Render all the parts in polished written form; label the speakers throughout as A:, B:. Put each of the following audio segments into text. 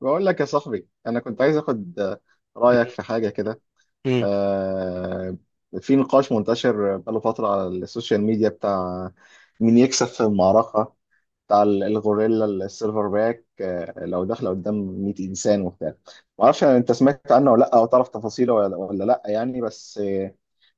A: بقول لك يا صاحبي انا كنت عايز اخد رايك
B: مم.
A: في حاجه كده. آه، في نقاش منتشر بقاله فتره على السوشيال ميديا بتاع مين يكسب في المعركه بتاع الغوريلا السيلفر باك، لو داخله قدام 100 انسان وبتاع. ما اعرفش انت سمعت عنه ولا لا، او تعرف تفاصيله ولا لا يعني، بس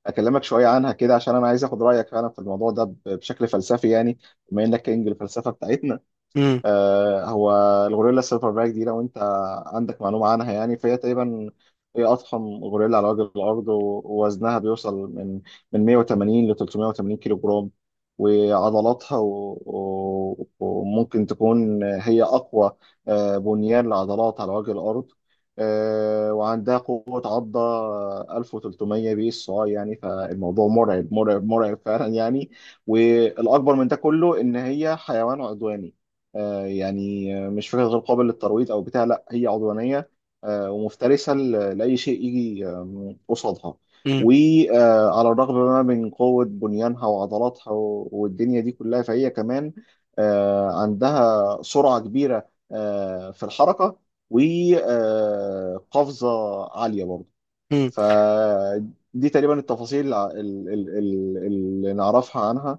A: اكلمك شويه عنها كده عشان انا عايز اخد رايك فعلا في الموضوع ده بشكل فلسفي يعني، بما انك كينج الفلسفه بتاعتنا.
B: مم.
A: هو الغوريلا السيلفر باك دي، لو انت عندك معلومة عنها يعني، فهي تقريبا هي أضخم غوريلا على وجه الأرض، ووزنها بيوصل من 180 ل 380 كيلو جرام، وعضلاتها وممكن تكون هي أقوى بنيان لعضلات على وجه الأرض. وعندها قوة عضة 1300 PSI، يعني فالموضوع مرعب مرعب مرعب فعلا يعني. والأكبر من ده كله إن هي حيوان عدواني، يعني مش فكرة غير قابل للترويض أو بتاع، لا هي عدوانية ومفترسة لأي شيء يجي قصادها.
B: مم.
A: وعلى الرغم بقى من قوة بنيانها وعضلاتها والدنيا دي كلها، فهي كمان عندها سرعة كبيرة في الحركة، وقفزة عالية برضه.
B: مم.
A: فدي تقريبا التفاصيل اللي نعرفها عنها.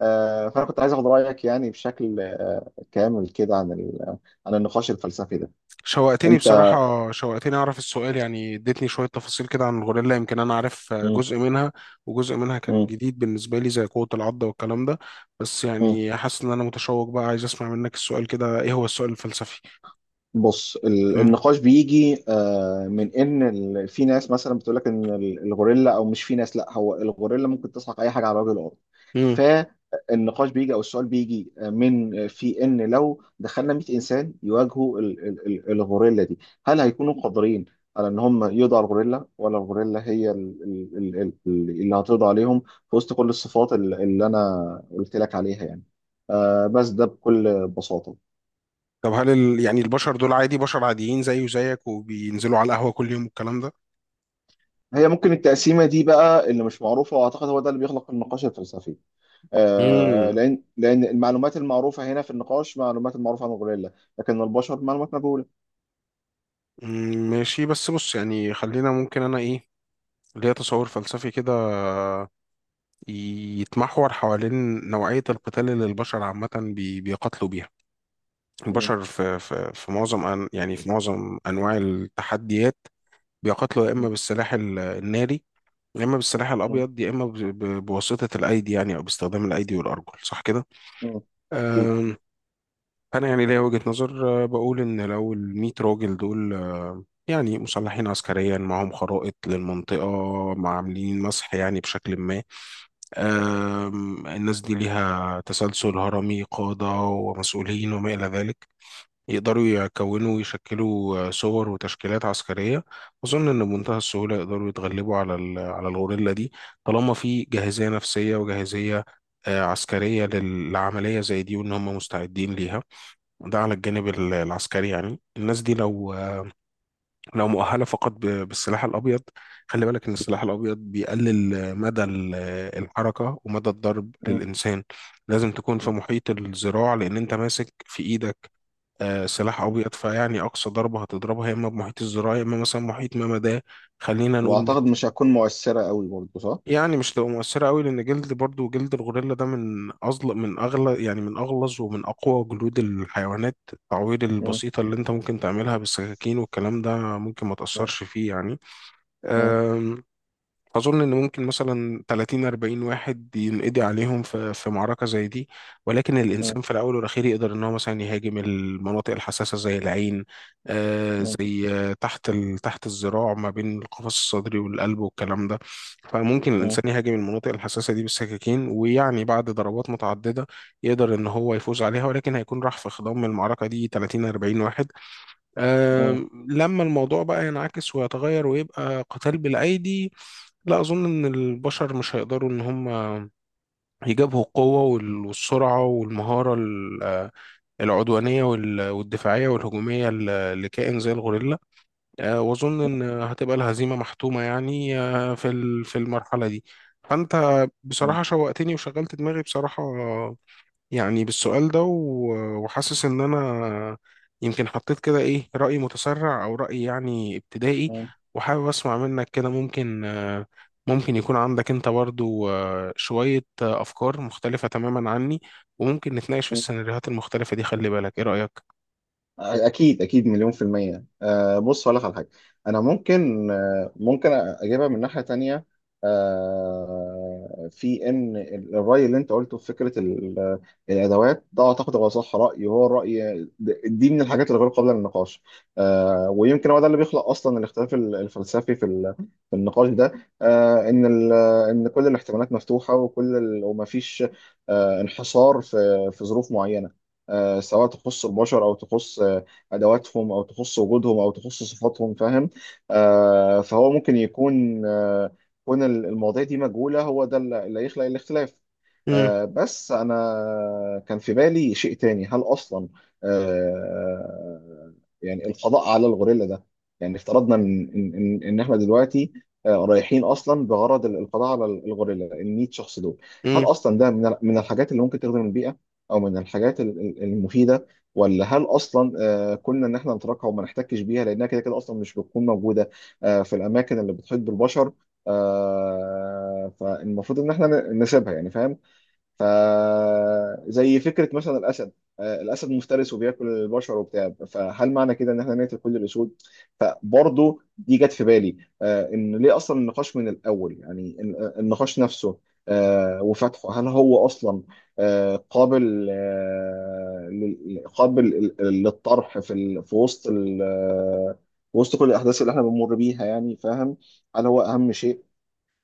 A: فانا كنت عايز اخد رايك يعني بشكل كامل كده عن عن النقاش الفلسفي ده.
B: شوقتني
A: انت.
B: بصراحة، شوقتني أعرف السؤال. يعني اديتني شوية تفاصيل كده عن الغوريلا، يمكن أنا عارف
A: مم.
B: جزء منها وجزء منها كان
A: مم.
B: جديد بالنسبة لي زي قوة العضة والكلام ده. بس
A: مم.
B: يعني حاسس إن أنا متشوق بقى، عايز أسمع منك السؤال كده. إيه هو السؤال الفلسفي؟
A: بص،
B: مم.
A: النقاش بيجي من ان في ناس مثلا بتقول لك ان الغوريلا، او مش في ناس، لا هو الغوريلا ممكن تسحق اي حاجه على وجه الارض.
B: مم.
A: فالنقاش بيجي او السؤال بيجي من في ان لو دخلنا 100 انسان يواجهوا الغوريلا دي، هل هيكونوا قادرين على ان هم يقضوا على الغوريلا، ولا الغوريلا هي اللي هتقضي عليهم في وسط كل الصفات اللي انا قلت لك عليها يعني. بس ده بكل بساطه.
B: طب هل يعني البشر دول عادي؟ بشر عاديين زيي وزيك، وبينزلوا على القهوة كل يوم والكلام ده.
A: هي ممكن التقسيمة دي بقى اللي مش معروفة، وأعتقد هو ده اللي بيخلق النقاش الفلسفي.
B: مم.
A: لأن المعلومات المعروفة هنا في النقاش، معلومات المعروفة عن الغوريلا، لكن البشر معلومات مجهولة.
B: مم. ماشي، بس بص يعني خلينا. ممكن أنا إيه، ليا تصور فلسفي كده يتمحور حوالين نوعية القتال اللي البشر عامة بيقاتلوا بيها.
A: م-.
B: البشر في معظم أن يعني في معظم أنواع التحديات بيقاتلوا يا
A: م-.
B: إما بالسلاح الناري، يا إما بالسلاح
A: م-.
B: الأبيض، يا إما بواسطة الأيدي، يعني أو باستخدام الأيدي والأرجل، صح كده؟
A: م. أكيد.
B: أم، أنا يعني ليا وجهة نظر، بقول إن لو ال 100 راجل دول يعني مسلحين عسكريا، معاهم خرائط للمنطقة، مع عاملين مسح يعني بشكل ما، الناس دي ليها تسلسل هرمي، قادة ومسؤولين وما إلى ذلك، يقدروا يكونوا ويشكلوا صور وتشكيلات عسكرية. أظن إن بمنتهى السهولة يقدروا يتغلبوا على الغوريلا دي، طالما في جاهزية نفسية وجاهزية عسكرية لعملية زي دي، وإن هم مستعدين ليها. ده على الجانب العسكري. يعني الناس دي لو مؤهله فقط بالسلاح الابيض، خلي بالك ان السلاح الابيض بيقلل مدى الحركه ومدى الضرب
A: م-.
B: للانسان. لازم تكون في
A: م-.
B: محيط الذراع، لان انت ماسك في ايدك سلاح
A: م.
B: ابيض، فيعني اقصى ضربه هتضربها يا اما بمحيط الذراع، يا اما مثلا محيط ما ده، خلينا نقول متر.
A: وأعتقد مش هتكون مؤثرة قوي برضه صح؟
B: يعني مش تبقى مؤثره قوي، لان جلد، برضو جلد الغوريلا ده من اغلى من اغلى يعني من اغلظ ومن اقوى جلود الحيوانات. التعوير
A: م-.
B: البسيطه اللي انت ممكن تعملها بالسكاكين والكلام ده ممكن ما
A: م-.
B: تاثرش فيه يعني.
A: م-.
B: أم، أظن إن ممكن مثلا 30 40 واحد ينقضي عليهم في معركة زي دي، ولكن
A: م-.
B: الإنسان في الأول والأخير يقدر إن هو مثلا يهاجم المناطق الحساسة، زي العين،
A: م-.
B: زي تحت الذراع، ما بين القفص الصدري والقلب والكلام ده. فممكن
A: م-.
B: الإنسان يهاجم المناطق الحساسة دي بالسكاكين، ويعني بعد ضربات متعددة يقدر إن هو يفوز عليها، ولكن هيكون راح في خضم المعركة دي 30 40 واحد.
A: م-.
B: لما الموضوع بقى ينعكس ويتغير ويبقى قتال بالأيدي، لا أظن إن البشر مش هيقدروا إن هم يجابهوا القوة والسرعة والمهارة العدوانية والدفاعية والهجومية لكائن زي الغوريلا. وأظن إن هتبقى الهزيمة محتومة يعني، في المرحلة دي. فأنت بصراحة شوقتني وشغلت دماغي بصراحة يعني بالسؤال ده، وحاسس ان انا يمكن حطيت كده ايه رأي متسرع او رأي يعني ابتدائي،
A: م-.
B: وحابب اسمع منك كده. ممكن يكون عندك انت برضو شوية افكار مختلفة تماما عني، وممكن نتناقش في
A: م-.
B: السيناريوهات المختلفة دي. خلي بالك، ايه رأيك؟
A: اكيد اكيد مليون في المية. أه بص، هقول لك على حاجة. انا ممكن أه ممكن اجيبها من ناحية تانية. أه، في ان الرأي اللي انت قلته في فكرة الادوات ده، اعتقد هو صح، رأي هو الرأي دي من الحاجات الغير قابلة للنقاش. أه، ويمكن هو ده اللي بيخلق اصلا الاختلاف الفلسفي في النقاش ده. أه، ان ان كل الاحتمالات مفتوحة، وكل ومفيش أه انحصار في ظروف معينة، سواء تخص البشر او تخص ادواتهم او تخص وجودهم او تخص صفاتهم، فاهم. فهو ممكن يكون كون المواضيع دي مجهوله، هو ده اللي يخلق الاختلاف. بس انا كان في بالي شيء تاني، هل اصلا آه يعني القضاء على الغوريلا ده، يعني افترضنا ان ان ان إن احنا دلوقتي رايحين اصلا بغرض القضاء على الغوريلا، ال 100 شخص دول هل
B: امم.
A: اصلا ده من من الحاجات اللي ممكن تخدم البيئه، او من الحاجات المفيده، ولا هل اصلا كنا ان احنا نتركها وما نحتكش بيها، لانها كده كده اصلا مش بتكون موجوده في الاماكن اللي بتحيط بالبشر. فالمفروض ان احنا نسيبها يعني، فاهم؟ فزي فكره مثلا الاسد، الاسد مفترس وبياكل البشر وبتاع، فهل معنى كده ان احنا نقتل كل الاسود؟ فبرضه دي جت في بالي. ان ليه اصلا النقاش من الاول يعني، النقاش نفسه وفتحه، هل هو اصلا قابل للطرح في وسط وسط كل الاحداث اللي احنا بنمر بيها، يعني فاهم؟ هل هو اهم شيء؟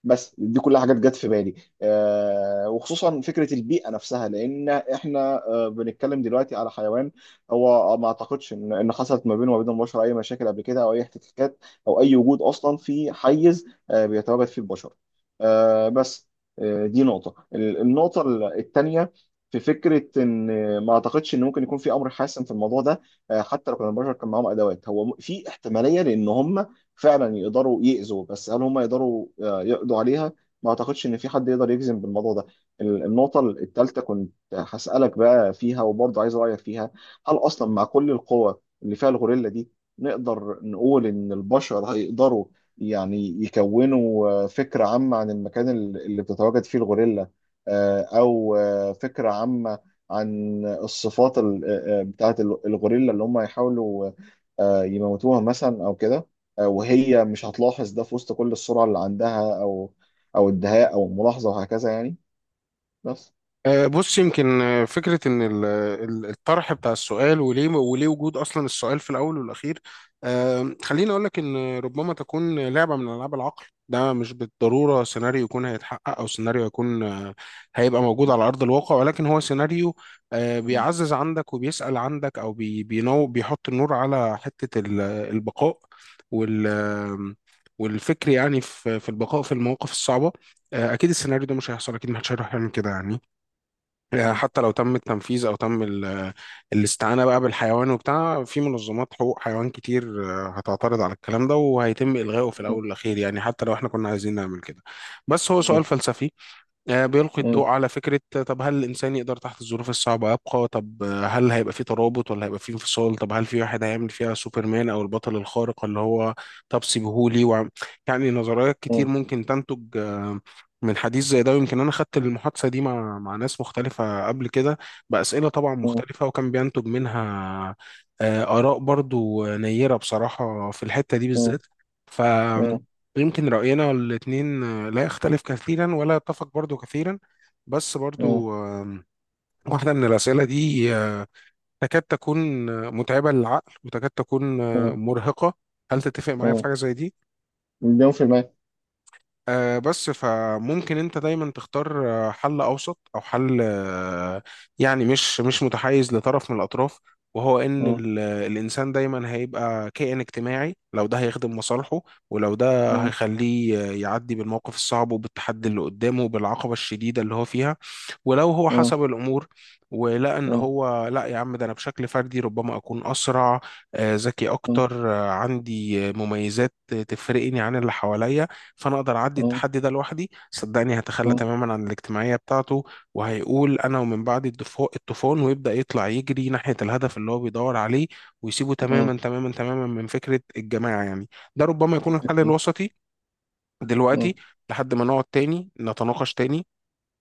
A: بس دي كلها حاجات جت في بالي. وخصوصا فكره البيئه نفسها، لان احنا بنتكلم دلوقتي على حيوان، هو ما اعتقدش ان حصلت ما بينه وما بين البشر اي مشاكل قبل كده، او اي احتكاكات، او اي وجود اصلا في حيز بيتواجد فيه البشر. بس، دي نقطه النقطه الثانيه. في فكره ان ما اعتقدش ان ممكن يكون في امر حاسم في الموضوع ده. حتى لو كان البشر كان معاهم ادوات، هو في احتماليه لان هم فعلا يقدروا يأذوا، بس هل هم يقدروا يقضوا عليها؟ ما اعتقدش ان في حد يقدر يجزم بالموضوع ده. النقطة الثالثة كنت هسألك بقى فيها، وبرضه عايز رأيك فيها. هل اصلا مع كل القوة اللي فيها الغوريلا دي، نقدر نقول ان البشر هيقدروا يعني يكونوا فكرة عامة عن المكان اللي بتتواجد فيه الغوريلا، او فكرة عامة عن الصفات بتاعت الغوريلا، اللي هم يحاولوا يموتوها مثلا او كده، وهي مش هتلاحظ ده في وسط كل السرعة اللي عندها، أو أو الدهاء أو الملاحظة وهكذا يعني. بس
B: بص، يمكن فكرة إن الطرح بتاع السؤال، وليه وجود أصلا السؤال في الأول والأخير، خليني أقول لك إن ربما تكون لعبة من ألعاب العقل. ده مش بالضرورة سيناريو يكون هيتحقق، أو سيناريو يكون هيبقى موجود على أرض الواقع، ولكن هو سيناريو بيعزز عندك وبيسأل عندك، أو بي- بينو بيحط النور على حتة البقاء وال آه، والفكر، يعني في البقاء في المواقف الصعبة. أكيد السيناريو ده مش هيحصل، أكيد محدش هيروح يعمل كده يعني حتى لو تم التنفيذ او تم الاستعانه بقى بالحيوان وبتاع، في منظمات حقوق حيوان كتير هتعترض على الكلام ده وهيتم الغائه في الاول والاخير، يعني حتى لو احنا كنا عايزين نعمل كده. بس هو سؤال فلسفي بيلقي الضوء على فكرة. طب هل الإنسان يقدر تحت الظروف الصعبة يبقى؟ طب هل هيبقى في ترابط ولا هيبقى في انفصال؟ طب هل في واحد هيعمل فيها سوبرمان أو البطل الخارق اللي هو طب سيبهولي يعني. نظريات كتير ممكن تنتج من حديث زي ده، ويمكن أنا خدت المحادثة دي مع ناس مختلفة قبل كده بأسئلة طبعا مختلفة، وكان بينتج منها آراء برضو نيرة بصراحة في الحتة دي بالذات. ف يمكن رأينا الاتنين لا يختلف كثيرا ولا يتفق برضو كثيرا. بس برضو، واحدة من الأسئلة دي تكاد تكون متعبة للعقل، وتكاد تكون مرهقة. هل تتفق معايا في حاجة زي دي؟
A: مليون في المية
B: بس فممكن انت دايما تختار حل اوسط او حل، يعني مش متحيز لطرف من الاطراف. وهو ان الانسان دايما هيبقى كائن اجتماعي لو ده هيخدم مصالحه، ولو ده هيخليه يعدي بالموقف الصعب وبالتحدي اللي قدامه وبالعقبة الشديدة اللي هو فيها. ولو هو حسب الأمور ولقى إن هو لا، يا عم ده أنا بشكل فردي ربما أكون أسرع، ذكي أكتر، عندي مميزات تفرقني عن اللي حواليا، فأنا أقدر أعدي التحدي ده لوحدي، صدقني هتخلى تماما عن الاجتماعية بتاعته وهيقول أنا ومن بعد الطوفان، ويبدأ يطلع يجري ناحية الهدف اللي هو بيدور عليه، ويسيبه تماما تماما تماما من فكرة الجماعة يعني. ده ربما يكون الحل
A: أكيد.
B: الوسطي دلوقتي، لحد ما نقعد تاني نتناقش تاني،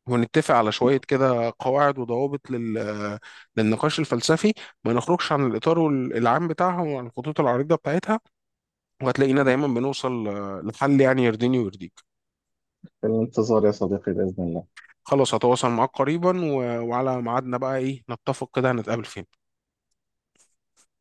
B: ونتفق على شوية كده قواعد وضوابط للنقاش الفلسفي، ما نخرجش عن الإطار العام بتاعها وعن الخطوط العريضة بتاعتها، وهتلاقينا دايما بنوصل لحل يعني يرضيني ويرضيك.
A: في الانتظار يا صديقي بإذن الله.
B: خلاص، هتواصل معاك قريبا، وعلى ميعادنا بقى إيه، نتفق كده هنتقابل فين؟